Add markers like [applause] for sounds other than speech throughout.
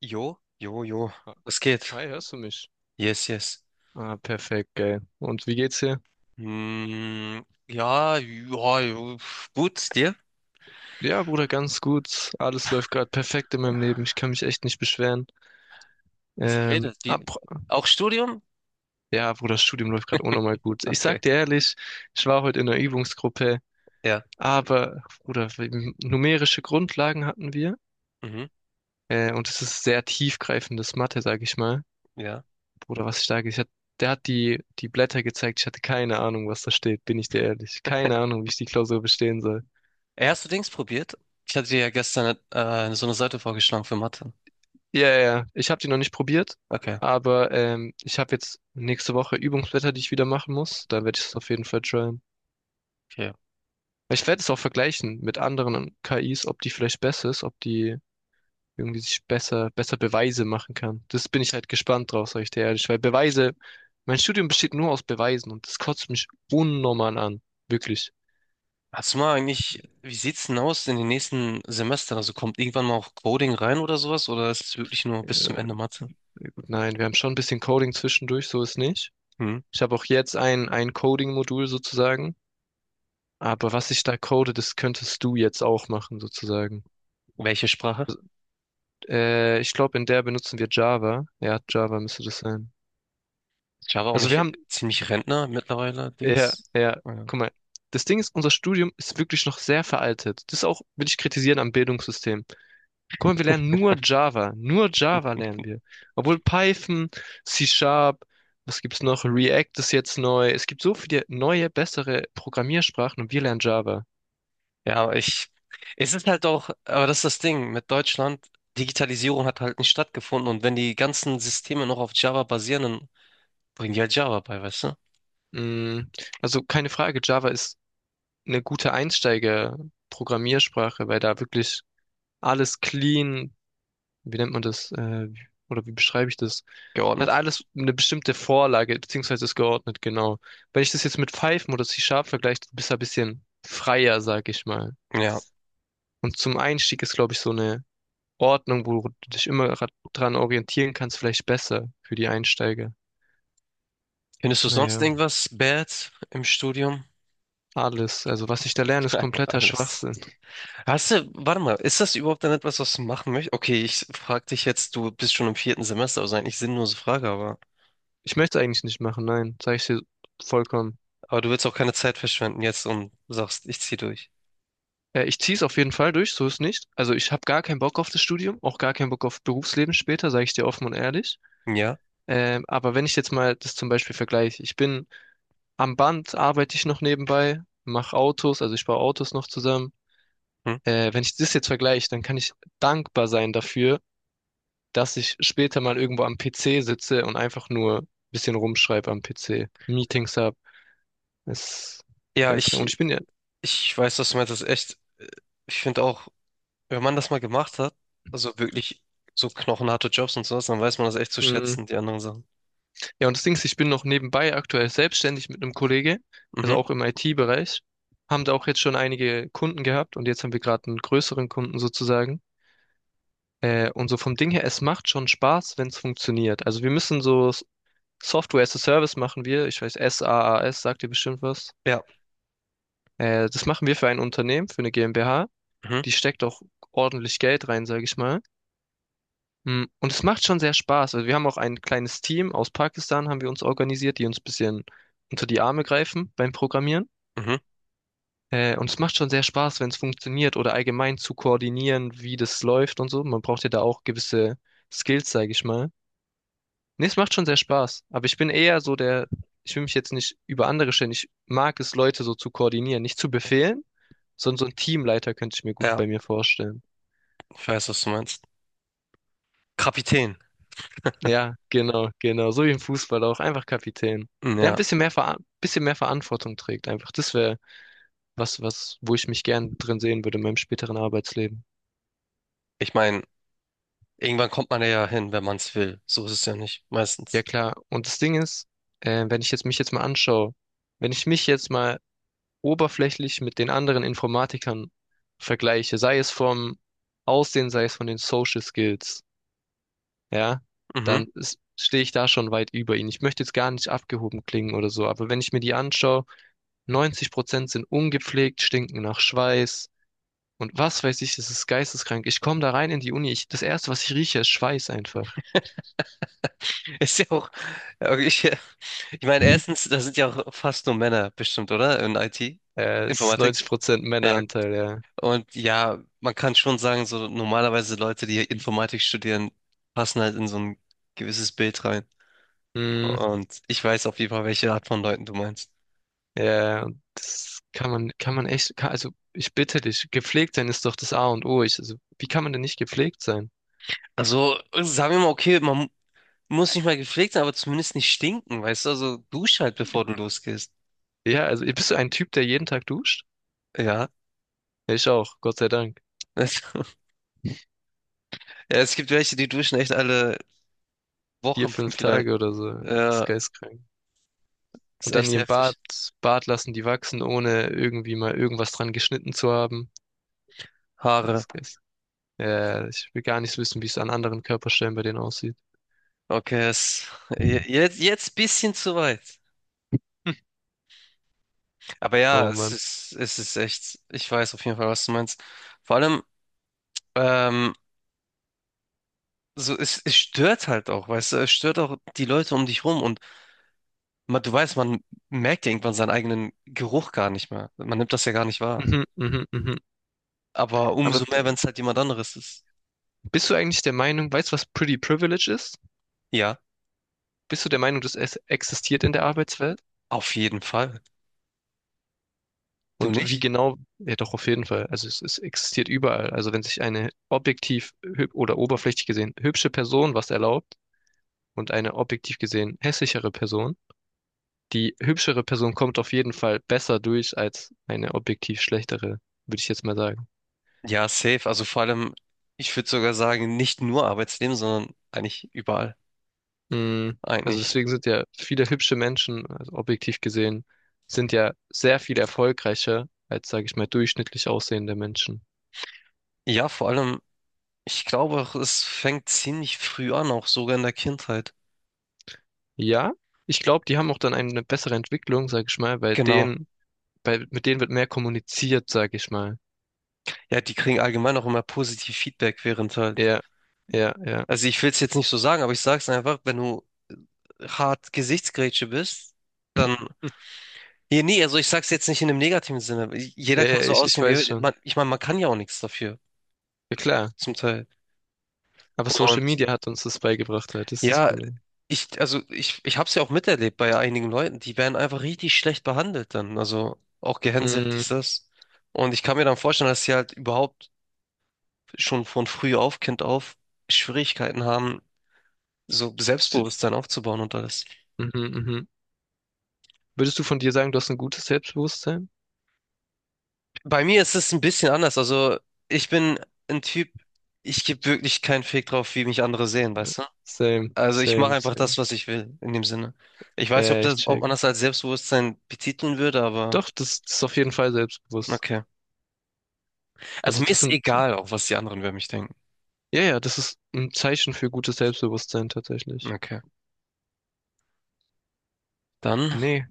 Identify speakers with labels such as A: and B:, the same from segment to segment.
A: Jo, jo, jo. Was geht?
B: Hi, hörst du mich?
A: Yes, yes.
B: Ah, perfekt, geil. Und wie geht's dir?
A: Hm, ja, ja, jo, gut, dir?
B: Ja, Bruder, ganz gut. Alles läuft gerade perfekt in meinem Leben. Ich kann mich echt nicht beschweren.
A: Was
B: Ähm,
A: redet? Wie?
B: ab,
A: Auch Studium?
B: ja, Bruder, das Studium läuft gerade unnormal gut. Ich sag
A: Okay,
B: dir ehrlich, ich war heute in der Übungsgruppe,
A: ja.
B: aber, Bruder, numerische Grundlagen hatten wir.
A: Mhm,
B: Und es ist sehr tiefgreifendes Mathe, sag ich mal.
A: ja.
B: Bruder, was ich sage, der hat die Blätter gezeigt. Ich hatte keine Ahnung, was da steht, bin ich dir ehrlich. Keine Ahnung, wie ich die Klausur bestehen soll.
A: Ey, hast du Dings probiert? Ich hatte dir ja gestern so eine Seite vorgeschlagen für Mathe.
B: Ja, ja, ja. Ich habe die noch nicht probiert,
A: Okay,
B: aber ich habe jetzt nächste Woche Übungsblätter, die ich wieder machen muss. Da werde ich es auf jeden Fall tryen.
A: okay.
B: Ich werde es auch vergleichen mit anderen KIs, ob die vielleicht besser ist, ob die irgendwie sich besser Beweise machen kann. Das bin ich halt gespannt drauf, sag ich dir ehrlich, weil Beweise, mein Studium besteht nur aus Beweisen und das kotzt mich unnormal an. Wirklich.
A: Hast du mal eigentlich, wie sieht's denn aus in den nächsten Semestern? Also kommt irgendwann mal auch Coding rein oder sowas? Oder ist es wirklich nur bis zum
B: Äh,
A: Ende Mathe?
B: gut, nein, wir haben schon ein bisschen Coding zwischendurch, so ist nicht.
A: Hm?
B: Ich habe auch jetzt ein Coding-Modul sozusagen. Aber was ich da code, das könntest du jetzt auch machen, sozusagen.
A: Welche Sprache?
B: Ich glaube, in der benutzen wir Java. Ja, Java müsste das sein.
A: Java auch
B: Also wir
A: nicht
B: haben,
A: ziemlich Rentner mittlerweile,
B: ja,
A: Dings?
B: ja,
A: Ja.
B: guck mal. Das Ding ist, unser Studium ist wirklich noch sehr veraltet. Das auch, will ich kritisieren am Bildungssystem. Guck mal, wir lernen nur Java. Nur Java lernen wir. Obwohl Python, C Sharp, was gibt's noch? React ist jetzt neu. Es gibt so viele neue, bessere Programmiersprachen und wir lernen Java.
A: Ja, aber ich, es ist halt auch, aber das ist das Ding mit Deutschland. Digitalisierung hat halt nicht stattgefunden, und wenn die ganzen Systeme noch auf Java basieren, dann bringen die halt Java bei, weißt du?
B: Mm, Also keine Frage, Java ist eine gute Einsteiger-Programmiersprache, weil da wirklich alles clean, wie nennt man das, oder wie beschreibe ich das? Hat
A: Geordnet.
B: alles eine bestimmte Vorlage, beziehungsweise ist geordnet, genau. Wenn ich das jetzt mit Python oder C-Sharp vergleiche, du bist du ein bisschen freier, sag ich mal.
A: Ja.
B: Und zum Einstieg ist, glaube ich, so eine Ordnung, wo du dich immer dran orientieren kannst, vielleicht besser für die Einsteiger.
A: Findest du sonst
B: Naja,
A: irgendwas bad im Studium?
B: alles. Also was ich da lerne,
A: [laughs]
B: ist
A: Einfach
B: kompletter
A: alles.
B: Schwachsinn.
A: Warte mal, ist das überhaupt dann etwas, was du machen möchtest? Okay, ich frag dich jetzt, du bist schon im vierten Semester, also eigentlich sinnlose Frage,
B: Ich möchte es eigentlich nicht machen, nein, sage ich dir vollkommen.
A: aber du willst auch keine Zeit verschwenden jetzt und sagst, ich zieh durch.
B: Ich ziehe es auf jeden Fall durch, so ist nicht. Also ich habe gar keinen Bock auf das Studium, auch gar keinen Bock auf Berufsleben später, sage ich dir offen und ehrlich.
A: Ja?
B: Aber wenn ich jetzt mal das zum Beispiel vergleiche, ich bin am Band, arbeite ich noch nebenbei, mache Autos, also ich baue Autos noch zusammen.
A: Hm?
B: Wenn ich das jetzt vergleiche, dann kann ich dankbar sein dafür, dass ich später mal irgendwo am PC sitze und einfach nur ein bisschen rumschreibe am PC, Meetings habe. Es
A: Ja,
B: ist geil. Und
A: ich,
B: ich bin ja,
A: ich weiß, was du meinst, das ist echt, ich finde auch, wenn man das mal gemacht hat, also wirklich so knochenharte Jobs und sowas, dann weiß man das echt zu
B: hm,
A: schätzen, die anderen Sachen.
B: ja, und das Ding ist, ich bin noch nebenbei aktuell selbstständig mit einem Kollege, also
A: Mhm.
B: auch im IT-Bereich. Haben da auch jetzt schon einige Kunden gehabt und jetzt haben wir gerade einen größeren Kunden sozusagen. Und so vom Ding her, es macht schon Spaß, wenn es funktioniert. Also wir müssen so Software as a Service machen wir. Ich weiß, SaaS sagt dir bestimmt was.
A: Ja.
B: Das machen wir für ein Unternehmen, für eine GmbH.
A: Mhm.
B: Die steckt auch ordentlich Geld rein, sage ich mal. Und es macht schon sehr Spaß. Also wir haben auch ein kleines Team aus Pakistan, haben wir uns organisiert, die uns ein bisschen unter die Arme greifen beim Programmieren.
A: Mhm.
B: Und es macht schon sehr Spaß, wenn es funktioniert oder allgemein zu koordinieren, wie das läuft und so. Man braucht ja da auch gewisse Skills, sage ich mal. Nee, es macht schon sehr Spaß. Aber ich bin eher so der, ich will mich jetzt nicht über andere stellen. Ich mag es, Leute so zu koordinieren, nicht zu befehlen, sondern so ein Teamleiter könnte ich mir gut
A: Ja,
B: bei mir vorstellen.
A: ich weiß, was du meinst. Kapitän.
B: Ja, genau, genau. So wie im Fußball auch. Einfach Kapitän.
A: Hm,
B: Der ein
A: ja.
B: bisschen mehr, Vera bisschen mehr Verantwortung trägt. Einfach. Das wäre was, wo ich mich gern drin sehen würde in meinem späteren Arbeitsleben.
A: Ich meine, irgendwann kommt man ja hin, wenn man es will. So ist es ja nicht,
B: Ja,
A: meistens.
B: klar. Und das Ding ist, wenn ich jetzt mich jetzt mal anschaue, wenn ich mich jetzt mal oberflächlich mit den anderen Informatikern vergleiche, sei es vom Aussehen, sei es von den Social Skills, ja,
A: Mhm.
B: dann stehe ich da schon weit über ihnen. Ich möchte jetzt gar nicht abgehoben klingen oder so, aber wenn ich mir die anschaue, 90% sind ungepflegt, stinken nach Schweiß und was weiß ich, das ist geisteskrank. Ich komme da rein in die Uni, das Erste, was ich rieche, ist Schweiß einfach.
A: [laughs] Ist ja auch, ja, okay, ich meine, erstens, da sind ja auch fast nur Männer bestimmt, oder? In IT,
B: Es ist
A: Informatik.
B: 90%
A: Ja,
B: Männeranteil, ja.
A: und ja, man kann schon sagen, so normalerweise Leute, die Informatik studieren, passen halt in so ein gewisses Bild rein.
B: Hm,
A: Und ich weiß auf jeden Fall, welche Art von Leuten du meinst.
B: ja, und das kann man echt, kann, also ich bitte dich, gepflegt sein ist doch das A und O. Also, wie kann man denn nicht gepflegt sein?
A: Also, sagen wir mal, okay, man muss nicht mal gepflegt sein, aber zumindest nicht stinken, weißt du? Also, dusch halt, bevor du losgehst.
B: Ja, also bist du ein Typ, der jeden Tag duscht?
A: Ja.
B: Ja, ich auch, Gott sei Dank.
A: Also, [laughs] ja, es gibt welche, die duschen echt alle
B: Vier,
A: Wochen
B: fünf
A: vielleicht.
B: Tage oder so. Das ist
A: Ja,
B: geisteskrank.
A: ist
B: Und dann
A: echt
B: ihren Bart,
A: heftig.
B: Bart lassen die wachsen, ohne irgendwie mal irgendwas dran geschnitten zu haben.
A: Haare.
B: Das ist, ja, ja, ja, ich will gar nicht so wissen, wie es an anderen Körperstellen bei denen aussieht.
A: Okay, es, jetzt, jetzt bisschen zu weit.
B: Hm.
A: Aber ja,
B: Oh Mann.
A: es ist echt, ich weiß auf jeden Fall, was du meinst. Vor allem, ähm, so, es stört halt auch, weißt du, es stört auch die Leute um dich rum. Und Man, du weißt, man merkt ja irgendwann seinen eigenen Geruch gar nicht mehr. Man nimmt das ja gar nicht wahr.
B: Mhm, mhm, mhm.
A: Aber
B: Aber
A: umso mehr, wenn es halt jemand anderes ist.
B: bist du eigentlich der Meinung, weißt du, was Pretty Privilege ist?
A: Ja,
B: Bist du der Meinung, dass es existiert in der Arbeitswelt?
A: auf jeden Fall. Du
B: Und wie
A: nicht?
B: genau? Ja, doch, auf jeden Fall. Also es existiert überall. Also wenn sich eine objektiv oder oberflächlich gesehen hübsche Person was erlaubt und eine objektiv gesehen hässlichere Person, die hübschere Person kommt auf jeden Fall besser durch als eine objektiv schlechtere, würde ich jetzt mal sagen.
A: Ja, safe. Also vor allem, ich würde sogar sagen, nicht nur Arbeitsleben, sondern eigentlich überall.
B: Mm, Also
A: Eigentlich.
B: deswegen sind ja viele hübsche Menschen, also objektiv gesehen, sind ja sehr viel erfolgreicher als, sage ich mal, durchschnittlich aussehende Menschen.
A: Ja, vor allem, ich glaube auch, es fängt ziemlich früh an, auch sogar in der Kindheit.
B: Ja, ich glaube, die haben auch dann eine bessere Entwicklung, sage ich mal, weil
A: Genau.
B: mit denen wird mehr kommuniziert, sage ich mal.
A: Ja, die kriegen allgemein auch immer positiv Feedback während halt.
B: Ja, ja, ja.
A: Also ich will es jetzt nicht so sagen, aber ich sag's einfach, wenn du hart Gesichtsgrätsche bist, dann
B: [laughs] Hm.
A: Nee, nee, also ich sag's jetzt nicht in einem negativen Sinne. Jeder
B: Ja,
A: kann
B: ja,
A: so
B: ich
A: aussehen, wie er
B: weiß
A: will.
B: schon.
A: Man, ich meine, man kann ja auch nichts dafür,
B: Ja, klar.
A: zum Teil.
B: Aber Social
A: Und
B: Media hat uns das beigebracht, halt. Das ist das
A: ja,
B: Problem.
A: ich hab's ja auch miterlebt bei einigen Leuten, die werden einfach richtig schlecht behandelt dann. Also auch gehänselt,
B: Mm,
A: dies, das. Und ich kann mir dann vorstellen, dass sie halt überhaupt schon von früh auf, Kind auf, Schwierigkeiten haben, so
B: sie-
A: Selbstbewusstsein aufzubauen und alles.
B: Mhm, mhm. Würdest du von dir sagen, du hast ein gutes Selbstbewusstsein?
A: Bei mir ist es ein bisschen anders. Also ich bin ein Typ, ich gebe wirklich keinen Fick drauf, wie mich andere sehen, weißt du?
B: Same,
A: Also ich mache
B: same,
A: einfach
B: same.
A: das, was ich will, in dem Sinne. Ich weiß nicht, ob
B: Ja, ich
A: das, ob
B: check.
A: man das als Selbstbewusstsein betiteln würde, aber
B: Doch, das ist auf jeden Fall selbstbewusst.
A: okay. Also
B: Also
A: mir
B: das
A: ist
B: sind,
A: egal, auch was die anderen über mich denken.
B: ja, ja, das ist ein Zeichen für gutes Selbstbewusstsein tatsächlich.
A: Okay. Dann,
B: Nee,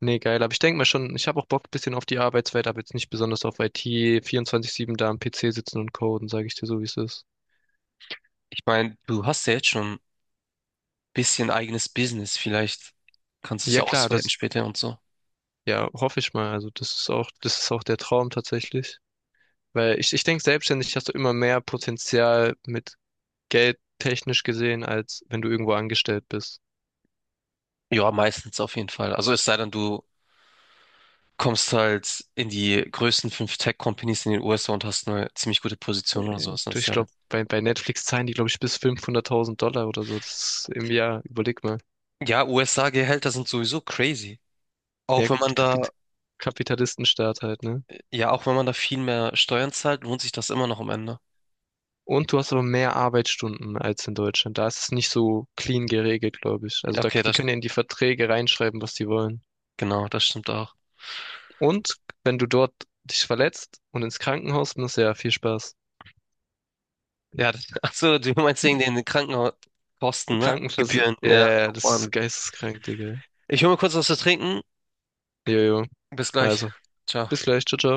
B: nee, geil. Aber ich denke mal schon, ich habe auch Bock ein bisschen auf die Arbeitswelt, aber jetzt nicht besonders auf IT, 24/7 da am PC sitzen und coden, sage ich dir so, wie es ist.
A: ich meine, du hast ja jetzt schon ein bisschen eigenes Business. Vielleicht kannst du es
B: Ja,
A: ja
B: klar,
A: ausweiten
B: das,
A: später und so.
B: ja, hoffe ich mal. Also das ist auch der Traum tatsächlich. Weil ich denke, selbstständig hast du immer mehr Potenzial mit Geld technisch gesehen, als wenn du irgendwo angestellt bist.
A: Ja, meistens auf jeden Fall. Also es sei denn, du kommst halt in die größten fünf Tech-Companies in den USA und hast eine ziemlich gute Position oder sowas. Dann ist
B: Ich
A: ja halt.
B: glaube, bei Netflix zahlen die, glaube ich, bis 500.000 Dollar oder so. Das ist im Jahr, überleg mal.
A: Ja, USA-Gehälter sind sowieso crazy.
B: Ja
A: Auch wenn man
B: gut,
A: da
B: Kapitalistenstaat halt, ne?
A: Ja, auch wenn man da viel mehr Steuern zahlt, lohnt sich das immer noch am Ende.
B: Und du hast aber mehr Arbeitsstunden als in Deutschland. Da ist es nicht so clean geregelt, glaube ich. Also
A: Ja,
B: da,
A: okay,
B: die
A: das,
B: können ja in die Verträge reinschreiben, was die wollen.
A: genau, das stimmt auch.
B: Und wenn du dort dich verletzt und ins Krankenhaus musst, ja, viel Spaß.
A: Ja, das, [laughs] ach so, du meinst wegen den Krankenhauskosten, ne? Gebühren, ja, oh
B: Ja, das
A: Mann.
B: ist geisteskrank, Digga.
A: Ich hole mir kurz was zu trinken.
B: Jojo.
A: Bis gleich.
B: Also,
A: Ciao.
B: bis gleich, ciao, ciao.